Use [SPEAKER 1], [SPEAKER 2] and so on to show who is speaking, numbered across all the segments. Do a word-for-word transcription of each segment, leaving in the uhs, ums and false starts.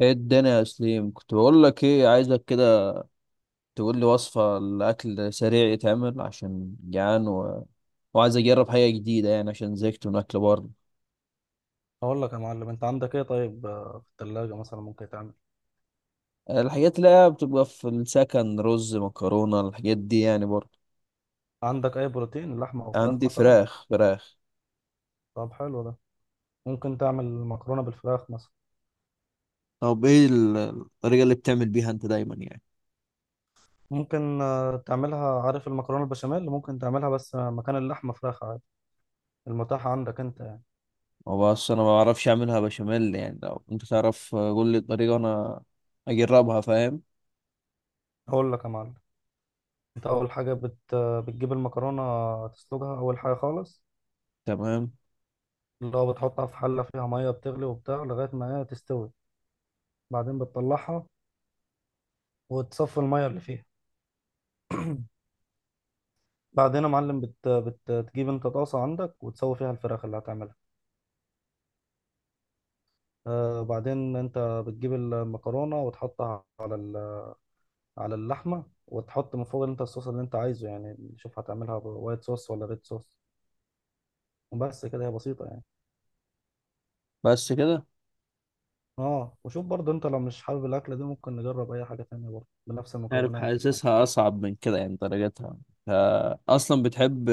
[SPEAKER 1] ايه الدنيا يا سليم، كنت بقول لك ايه عايزك كده تقول لي وصفة لأكل سريع يتعمل عشان جعان و... وعايز اجرب حاجة جديدة يعني عشان زهقت من اكل بره.
[SPEAKER 2] اقول لك يا معلم، انت عندك ايه؟ طيب آه، في الثلاجه مثلا ممكن تعمل.
[SPEAKER 1] الحاجات اللي هي بتبقى في السكن رز مكرونة الحاجات دي يعني برضه.
[SPEAKER 2] عندك اي بروتين؟ لحمه او فراخ
[SPEAKER 1] عندي
[SPEAKER 2] مثلا؟
[SPEAKER 1] فراخ فراخ.
[SPEAKER 2] طب حلو ده. ممكن تعمل مكرونه بالفراخ مثلا.
[SPEAKER 1] طب ايه ال- الطريقة اللي بتعمل بيها انت دايما يعني.
[SPEAKER 2] ممكن آه، تعملها، عارف المكرونه البشاميل؟ ممكن تعملها بس آه، مكان اللحمه فراخ عادي، المتاح عندك انت يعني.
[SPEAKER 1] هو بس انا ما بعرفش اعملها بشاميل، يعني لو انت تعرف قول لي الطريقة انا اجربها، فاهم.
[SPEAKER 2] اقول لك يا معلم، انت اول حاجه بت... آه، بتجيب المكرونه، تسلقها اول حاجه خالص،
[SPEAKER 1] تمام.
[SPEAKER 2] اللي هو بتحطها في حله فيها ميه بتغلي وبتاع لغايه ما هي تستوي. بعدين بتطلعها وتصفي الميه اللي فيها. بعدين يا معلم بت... بتجيب انت طاسة عندك وتسوي فيها الفراخ اللي هتعملها. آه بعدين انت بتجيب المكرونة وتحطها على ال... على اللحمة، وتحط من فوق انت الصوص اللي انت عايزه، يعني شوف هتعملها ب- وايت صوص ولا ريد صوص. وبس كده، هي بسيطة يعني.
[SPEAKER 1] بس كده.
[SPEAKER 2] اه وشوف برضه انت لو مش حابب الأكلة دي ممكن نجرب أي حاجة تانية برضه بنفس
[SPEAKER 1] عارف
[SPEAKER 2] المكونات.
[SPEAKER 1] حاسسها اصعب من كده يعني درجتها. ف- اصلا بتحب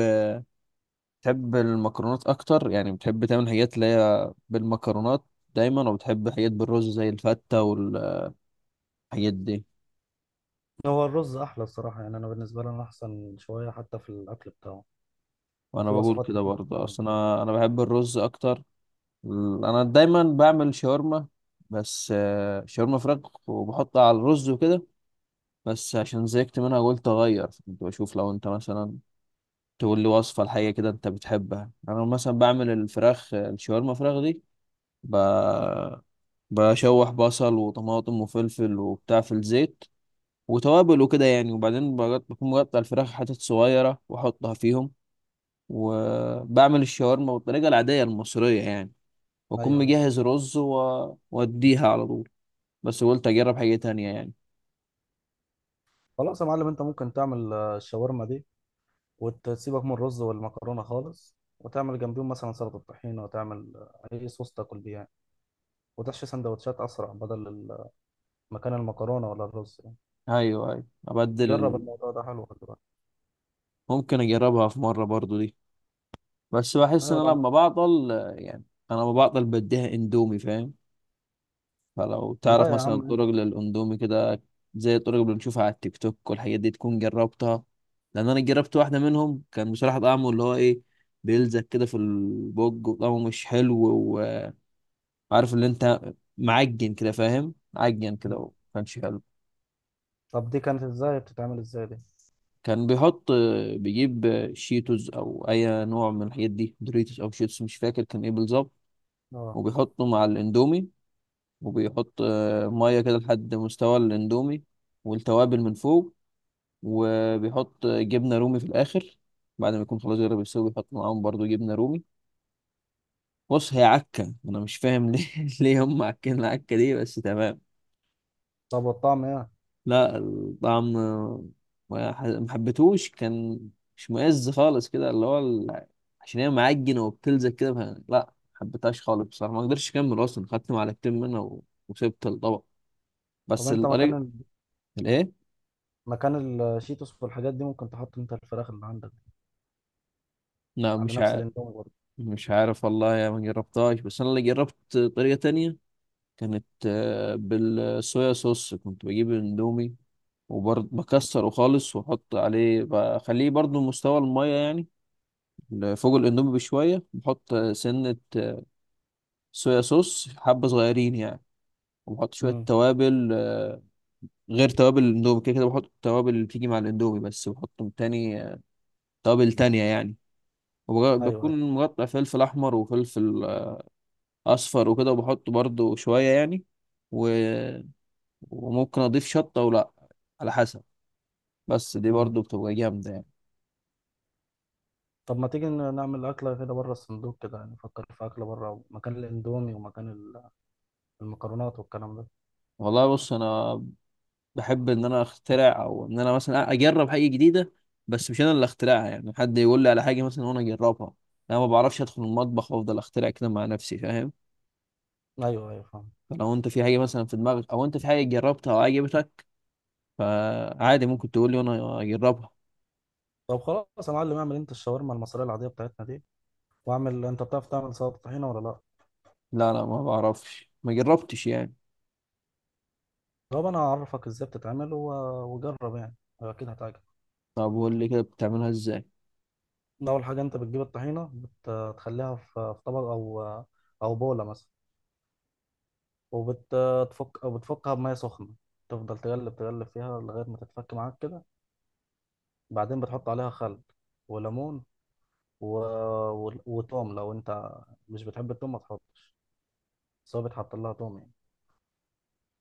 [SPEAKER 1] بتحب المكرونات اكتر، يعني بتحب تعمل حاجات اللي هي بالمكرونات دايما، وبتحب حاجات بالرز زي الفتة والحاجات دي.
[SPEAKER 2] هو الرز أحلى الصراحة، يعني أنا بالنسبة لي أنا أحسن شوية حتى في الأكل بتاعه.
[SPEAKER 1] وانا
[SPEAKER 2] وفي
[SPEAKER 1] بقول
[SPEAKER 2] وصفات
[SPEAKER 1] كده
[SPEAKER 2] كتير
[SPEAKER 1] برضه،
[SPEAKER 2] بتتعمل
[SPEAKER 1] اصلا
[SPEAKER 2] بالرز.
[SPEAKER 1] انا انا بحب الرز اكتر. ال- انا دايما بعمل شاورما، بس آه، شاورما فراخ وبحطها على الرز وكده. بس عشان زهقت منها قلت اغير، كنت بشوف لو انت مثلا تقول لي وصفة لحاجة كده انت بتحبها. انا مثلا بعمل الفراخ، الشاورما فراخ دي، ب... بشوح بصل وطماطم وفلفل وبتاع في الزيت وتوابل وكده يعني، وبعدين بقط- بكون مقطع الفراخ حتت صغيرة وأحطها فيهم، وبعمل الشاورما بالطريقة العادية المصرية يعني،
[SPEAKER 2] أيوه
[SPEAKER 1] وأكون
[SPEAKER 2] أيوه.
[SPEAKER 1] مجهز رز و- وأديها على طول. بس قلت أجرب حاجة تانية يعني.
[SPEAKER 2] خلاص يا معلم، انت ممكن تعمل آه، الشاورما دي، وتسيبك من الرز والمكرونة خالص، وتعمل جنبيهم مثلا سلطة طحينة، وتعمل أي صوص تاكل بيه يعني، وتحشي سندوتشات أسرع بدل ال- مكان المكرونة ولا الرز يعني.
[SPEAKER 1] أيوه أيوه، أبدل
[SPEAKER 2] جرب
[SPEAKER 1] ال...
[SPEAKER 2] الموضوع ده، حلو، خلي بالك.
[SPEAKER 1] ممكن أجربها في مرة برضو دي، بس بحس إن أنا
[SPEAKER 2] أيوة.
[SPEAKER 1] لما بعطل يعني، أنا لما بعطل بديها إندومي، فاهم. فلو
[SPEAKER 2] لا
[SPEAKER 1] تعرف
[SPEAKER 2] لا يا
[SPEAKER 1] مثلا
[SPEAKER 2] عم.
[SPEAKER 1] الطرق للاندومي كده، زي الطرق اللي بنشوفها على التيك توك والحاجات دي، تكون جربتها. لان انا جربت واحده منهم كان بصراحه طعمه اللي هو ايه، بيلزق كده في البوج وطعمه مش حلو. وعارف اللي انت معجن كده، فاهم، معجن كده
[SPEAKER 2] أنت-
[SPEAKER 1] وما كانش حلو.
[SPEAKER 2] طب دي كانت إزاي؟ بتتعمل إزاي دي؟
[SPEAKER 1] كان بيحط، بيجيب شيتوز او اي نوع من الحاجات دي، دوريتوس او شيتوس، مش فاكر كان ايه بالظبط،
[SPEAKER 2] أه.
[SPEAKER 1] وبيحطه مع الاندومي، وبيحط آه، ميه كده لحد مستوى الاندومي، والتوابل من فوق، وبيحط جبنه رومي في الاخر، بعد ما يكون خلاص جرب يسوي بيحط معاهم برضو جبنه رومي. بص هي عكه، انا مش فاهم ليه ليه هم عكين العكه دي، بس تمام.
[SPEAKER 2] طب والطعم إيه؟
[SPEAKER 1] لا الطعم ما ح- ما حبيتهوش، كان مش مؤز خالص كده، اللي هو ال- عشان هي معجنه وبتلزق كده، ف- لا ما حبيتهاش خالص بصراحه، ما قدرتش اكمل اصلا، خدت معلقتين منها و- وسبت الطبق،
[SPEAKER 2] طب
[SPEAKER 1] بس
[SPEAKER 2] أنت مكان
[SPEAKER 1] الطريقه.
[SPEAKER 2] ال...
[SPEAKER 1] الايه.
[SPEAKER 2] مكان الشيتوس والحاجات دي ممكن تحط أنت الفراخ اللي عندك
[SPEAKER 1] لا
[SPEAKER 2] على
[SPEAKER 1] مش
[SPEAKER 2] نفس
[SPEAKER 1] عارف.
[SPEAKER 2] الإندومي برضه.
[SPEAKER 1] مش عارف والله، يا ما جربتهاش، بس انا اللي جربت طريقه تانية كانت آه، بالصويا صوص. كنت بجيب اندومي وبرضه بكسره خالص واحط عليه، بخليه برضه مستوى المية يعني فوق الاندومي بشوية، بحط سنة آه، صويا صوص حبة صغيرين يعني، وبحط شوية
[SPEAKER 2] أمم.
[SPEAKER 1] توابل آه، غير توابل الاندومي. كده كده بحط التوابل اللي بتيجي مع الاندومي، بس بحط تاني آه، توابل تانية يعني. وبج-
[SPEAKER 2] أيوه أيوه.
[SPEAKER 1] بكون مقطع فلفل أحمر وفلفل آه، أصفر وكده، وبحط برضه شوية يعني و... وممكن أضيف شطة أو لأ على حسب. بس دي
[SPEAKER 2] أمم.
[SPEAKER 1] برضو بتبقى جامدة يعني.
[SPEAKER 2] طب ما تيجي ن- نعمل أكلة كده بره الصندوق كده، يعني نفكر في أكلة بره، مكان الإندومي ومكان ال... المكرونات والكلام ده.
[SPEAKER 1] والله بص أنا بحب إن أنا أخترع، أو إن أنا مثلا أجرب حاجة جديدة، بس مش أنا اللي أخترعها يعني، حد يقول لي على حاجة مثلا وأنا أجربها. أنا ما بعرفش أدخل المطبخ وأفضل أخترع كده مع نفسي، فاهم.
[SPEAKER 2] ايوه ايوه فاهم.
[SPEAKER 1] فلو أنت في حاجة مثلا في دماغك، أو أنت في حاجة جربتها وعجبتك، فعادي ممكن تقول لي وأنا أجربها.
[SPEAKER 2] طب خلاص يا معلم، اعمل انت الشاورما المصريه العاديه بتاعتنا دي، واعمل انت، بتعرف تعمل سلطه طحينه ولا لا؟
[SPEAKER 1] لا لا ما بعرفش، ما جربتش يعني.
[SPEAKER 2] طب انا هعرفك ازاي بتتعمل و... وجرب يعني، اكيد هتعجبك.
[SPEAKER 1] طب قول لي كده بتعملها إزاي.
[SPEAKER 2] اول حاجه انت بتجيب الطحينه، بتخليها في في طبق او او بوله مثلا، وبتفك او بتفكها بميه سخنه، تفضل تقلب تقلب فيها لغايه ما تتفك معاك كده. بعدين بتحط عليها خل وليمون و... و... وتوم. لو انت مش بتحب التوم ما تحطش، بس هو بيتحط لها توم يعني.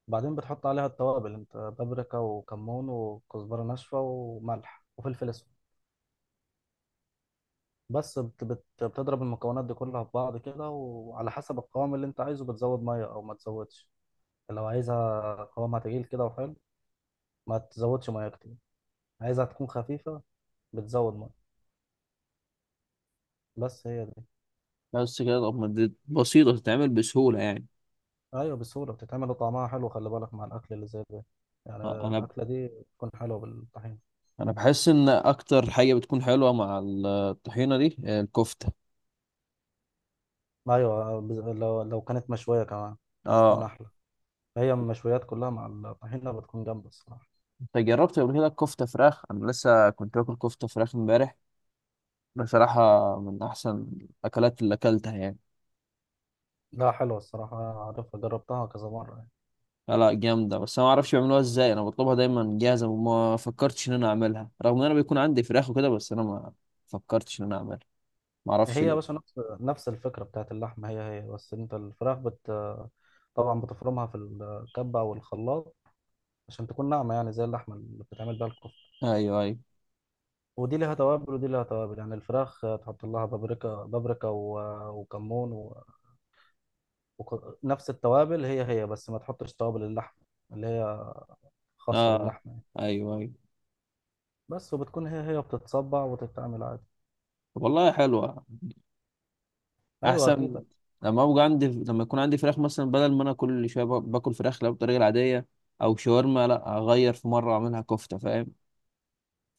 [SPEAKER 2] بعدين بتحط عليها التوابل انت، بابريكا وكمون وكزبرة ناشفة وملح وفلفل اسود. بس بت بت بتضرب المكونات دي كلها في بعض كده، وعلى حسب القوام اللي انت عايزه بتزود مية او ما تزودش. لو عايزها قوامها تقيل كده وحلو ما تزودش مية كتير، عايزها تكون خفيفة بتزود مية. بس هي دي.
[SPEAKER 1] بس كده؟ طب ما دي بسيطة تتعمل بسهولة يعني.
[SPEAKER 2] ايوه بسهولة بتتعمل، وطعمها حلو، خلي بالك مع الاكل اللي زي ده، يعني
[SPEAKER 1] أنا
[SPEAKER 2] الاكلة دي بتكون حلوة بالطحين.
[SPEAKER 1] انا بحس ان اكتر حاجه بتكون حلوه مع الطحينه دي الكفته.
[SPEAKER 2] ايوه بز- لو لو كانت مشوية كمان بتكون
[SPEAKER 1] اه.
[SPEAKER 2] احلى. هي المشويات كلها مع الطحينة بتكون جامدة الصراحة.
[SPEAKER 1] انت جربت قبل كده الكفته فراخ؟ انا لسه كنت باكل كفته فراخ امبارح بصراحه، من احسن الاكلات اللي اكلتها يعني.
[SPEAKER 2] لا حلوة الصراحة، أنا عارفها، جربتها كذا مرة يعني.
[SPEAKER 1] لا لا جامده، بس انا ما اعرفش بيعملوها ازاي، انا بطلبها دايما جاهزه وما فكرتش ان انا اعملها، رغم ان انا بيكون عندي فراخ وكده، بس انا ما فكرتش ان انا اعملها، ما
[SPEAKER 2] هي
[SPEAKER 1] اعرفش
[SPEAKER 2] يا باشا
[SPEAKER 1] ليه.
[SPEAKER 2] نفس نفس الفكرة بتاعت اللحمة، هي هي بس أنت الفراخ بت طبعا بتفرمها في الكبة أو الخلاط عشان تكون ناعمة، يعني زي اللحمة اللي بتتعمل بيها الكفتة.
[SPEAKER 1] ايوه ايوه.
[SPEAKER 2] ودي ليها توابل ودي ليها توابل يعني، الفراخ تحط لها بابريكا بابريكا و- وكمون و... وك... نفس التوابل هي هي، بس ما تحطش توابل اللحمة اللي هي خاصة
[SPEAKER 1] اه
[SPEAKER 2] باللحمة يعني.
[SPEAKER 1] ايوه ايوه.
[SPEAKER 2] بس وبتكون هي هي بتتصبع وتتعمل عادي.
[SPEAKER 1] طب والله حلوه.
[SPEAKER 2] أيوة
[SPEAKER 1] احسن
[SPEAKER 2] أكيد.
[SPEAKER 1] لما ابقى عندي، لما يكون عندي فراخ مثلا، بدل ما انا كل شويه با- باكل فراخ لا بالطريقه العاديه او شاورما، لا اغير في مره اعملها كفته، فاهم.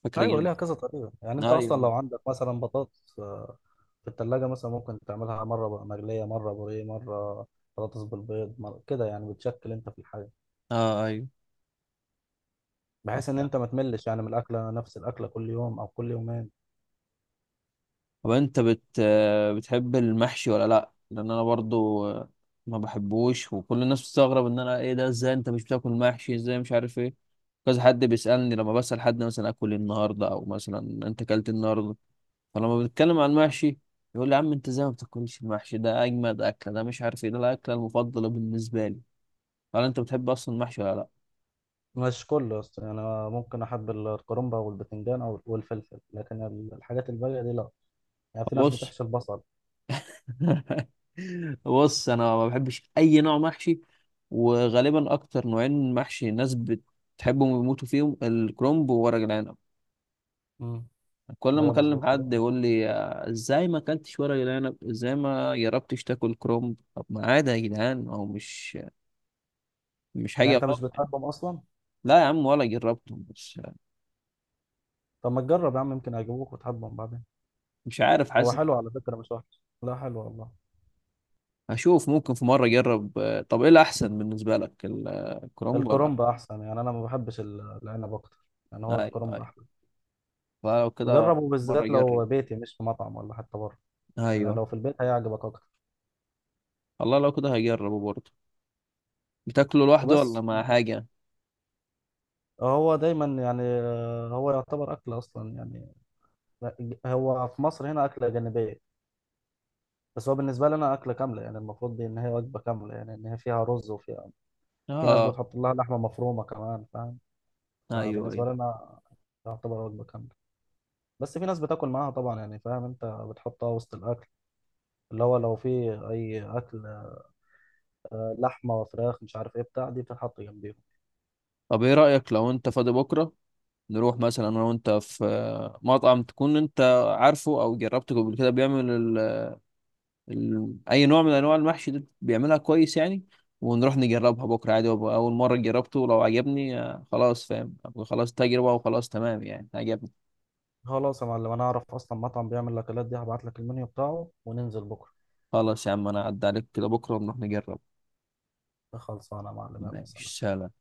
[SPEAKER 1] فكره
[SPEAKER 2] ايوه ليها
[SPEAKER 1] جامده.
[SPEAKER 2] كذا طريقه يعني، انت اصلا لو
[SPEAKER 1] ايوه.
[SPEAKER 2] عندك مثلا بطاطس آه، في التلاجة مثلا ممكن تعملها مره بقى مقليه، مره بوريه، مره بطاطس بالبيض، مرة كده يعني، بتشكل انت في الحاجه
[SPEAKER 1] اه ايوه.
[SPEAKER 2] بحيث ان انت ما تملش يعني من الاكله، نفس الاكله كل يوم او كل يومين.
[SPEAKER 1] طب انت بت آه، بتحب المحشي ولا لا؟ لان انا برضو آه، ما بحبوش، وكل الناس بتستغرب ان انا ايه ده، ازاي انت مش بتاكل محشي، ازاي مش عارف ايه. كذا حد بيسالني لما بسال حد مثلا اكل إيه النهارده، او مثلا انت اكلت إيه النهارده، فلما بنتكلم عن المحشي يقول لي يا عم انت ازاي ما بتاكلش المحشي، ده اجمد اكله، ده مش عارف ايه، ده الاكله المفضله بالنسبه لي. قال انت بتحب اصلا المحشي ولا لا.
[SPEAKER 2] مش كله أصلاً. يعني أنا ممكن احب الكرنبه والبتنجان او والفلفل، لكن الحاجات الباقيه دي لا. يعني في ناس
[SPEAKER 1] بص
[SPEAKER 2] بتحشي البصل.
[SPEAKER 1] بص انا ما بحبش اي نوع محشي، وغالبا اكتر نوعين محشي الناس بتحبهم ويموتوا فيهم الكرنب وورق العنب.
[SPEAKER 2] امم.
[SPEAKER 1] كل ما
[SPEAKER 2] بقى
[SPEAKER 1] اكلم
[SPEAKER 2] مظبوط،
[SPEAKER 1] حد
[SPEAKER 2] حلو.
[SPEAKER 1] يقول لي آه، ازاي ما اكلتش ورق العنب، ازاي ما جربتش تاكل كرنب. طب ما عادي يا جدعان، هو مش مش
[SPEAKER 2] يعني
[SPEAKER 1] حاجه
[SPEAKER 2] انت مش
[SPEAKER 1] غلط.
[SPEAKER 2] بتحبهم اصلا.
[SPEAKER 1] لا يا عم ولا جربتهم بس.
[SPEAKER 2] طب ما تجرب يا عم، يمكن هيعجبوك وتحبهم بعدين.
[SPEAKER 1] مش عارف
[SPEAKER 2] هو
[SPEAKER 1] حاسس.
[SPEAKER 2] حلو على فكره مش وحش، لا حلو والله.
[SPEAKER 1] هشوف ممكن في مرة أجرب. آه، طب إيه الأحسن بالنسبة لك، ال- آه، الكرومب ولا؟
[SPEAKER 2] الكرنب احسن، يعني انا ما بحبش ال- العنب اكتر، يعني هو
[SPEAKER 1] أيوه
[SPEAKER 2] الكرنب
[SPEAKER 1] أيوه.
[SPEAKER 2] احلى.
[SPEAKER 1] فلو كده
[SPEAKER 2] جربه
[SPEAKER 1] مرة
[SPEAKER 2] بالذات
[SPEAKER 1] أجرب.
[SPEAKER 2] لو بيتي، مش في مطعم ولا حتى بره، يعني
[SPEAKER 1] أيوه.
[SPEAKER 2] لو في البيت هيعجبك اكتر.
[SPEAKER 1] والله لو كده هجربه برضه. بتاكله لوحده ولا
[SPEAKER 2] وبس.
[SPEAKER 1] مع حاجة؟
[SPEAKER 2] هو دايما يعني آه، هو يعتبر اكل اصلا يعني. هو في مصر هنا اكله جانبيه، بس هو بالنسبه لي انا اكله كامله، يعني المفروض دي ان هي وجبه كامله، يعني ان هي فيها رز وفيها، في ناس
[SPEAKER 1] آه.
[SPEAKER 2] بتحط لها لحمه مفرومه كمان، فاهم؟
[SPEAKER 1] أيوه
[SPEAKER 2] فبالنسبه
[SPEAKER 1] أيوه.
[SPEAKER 2] لي انا يعتبر وجبه كامله. بس في ناس بتاكل معاها طبعا يعني، فاهم، انت بتحطها وسط الاكل، اللي هو لو في اي اكل آه، لحمه وفراخ مش عارف ايه بتاع دي، بتتحط جنبيهم.
[SPEAKER 1] طب إيه رأيك لو أنت فاضي بكرة نروح مثلا أنا وأنت في آه، مطعم تكون أنت عارفه أو جربته قبل كده، بيعمل ال- اي نوع من انواع المحشي ده، بيعملها كويس يعني، ونروح نجربها بكره عادي، وأبقى اول مره جربته ولو عجبني آه، خلاص، فاهم، أبقى خلاص تجربه وخلاص، تمام يعني عجبني.
[SPEAKER 2] خلاص يا معلم، انا اعرف اصلا مطعم بيعمل الاكلات دي، هبعت لك المنيو بتاعه وننزل بكره.
[SPEAKER 1] خلاص يا عم، انا اعدي عليك كده بكره ونروح نجرب.
[SPEAKER 2] خلصانه يا معلم، يلا سلام.
[SPEAKER 1] ماشي سلام.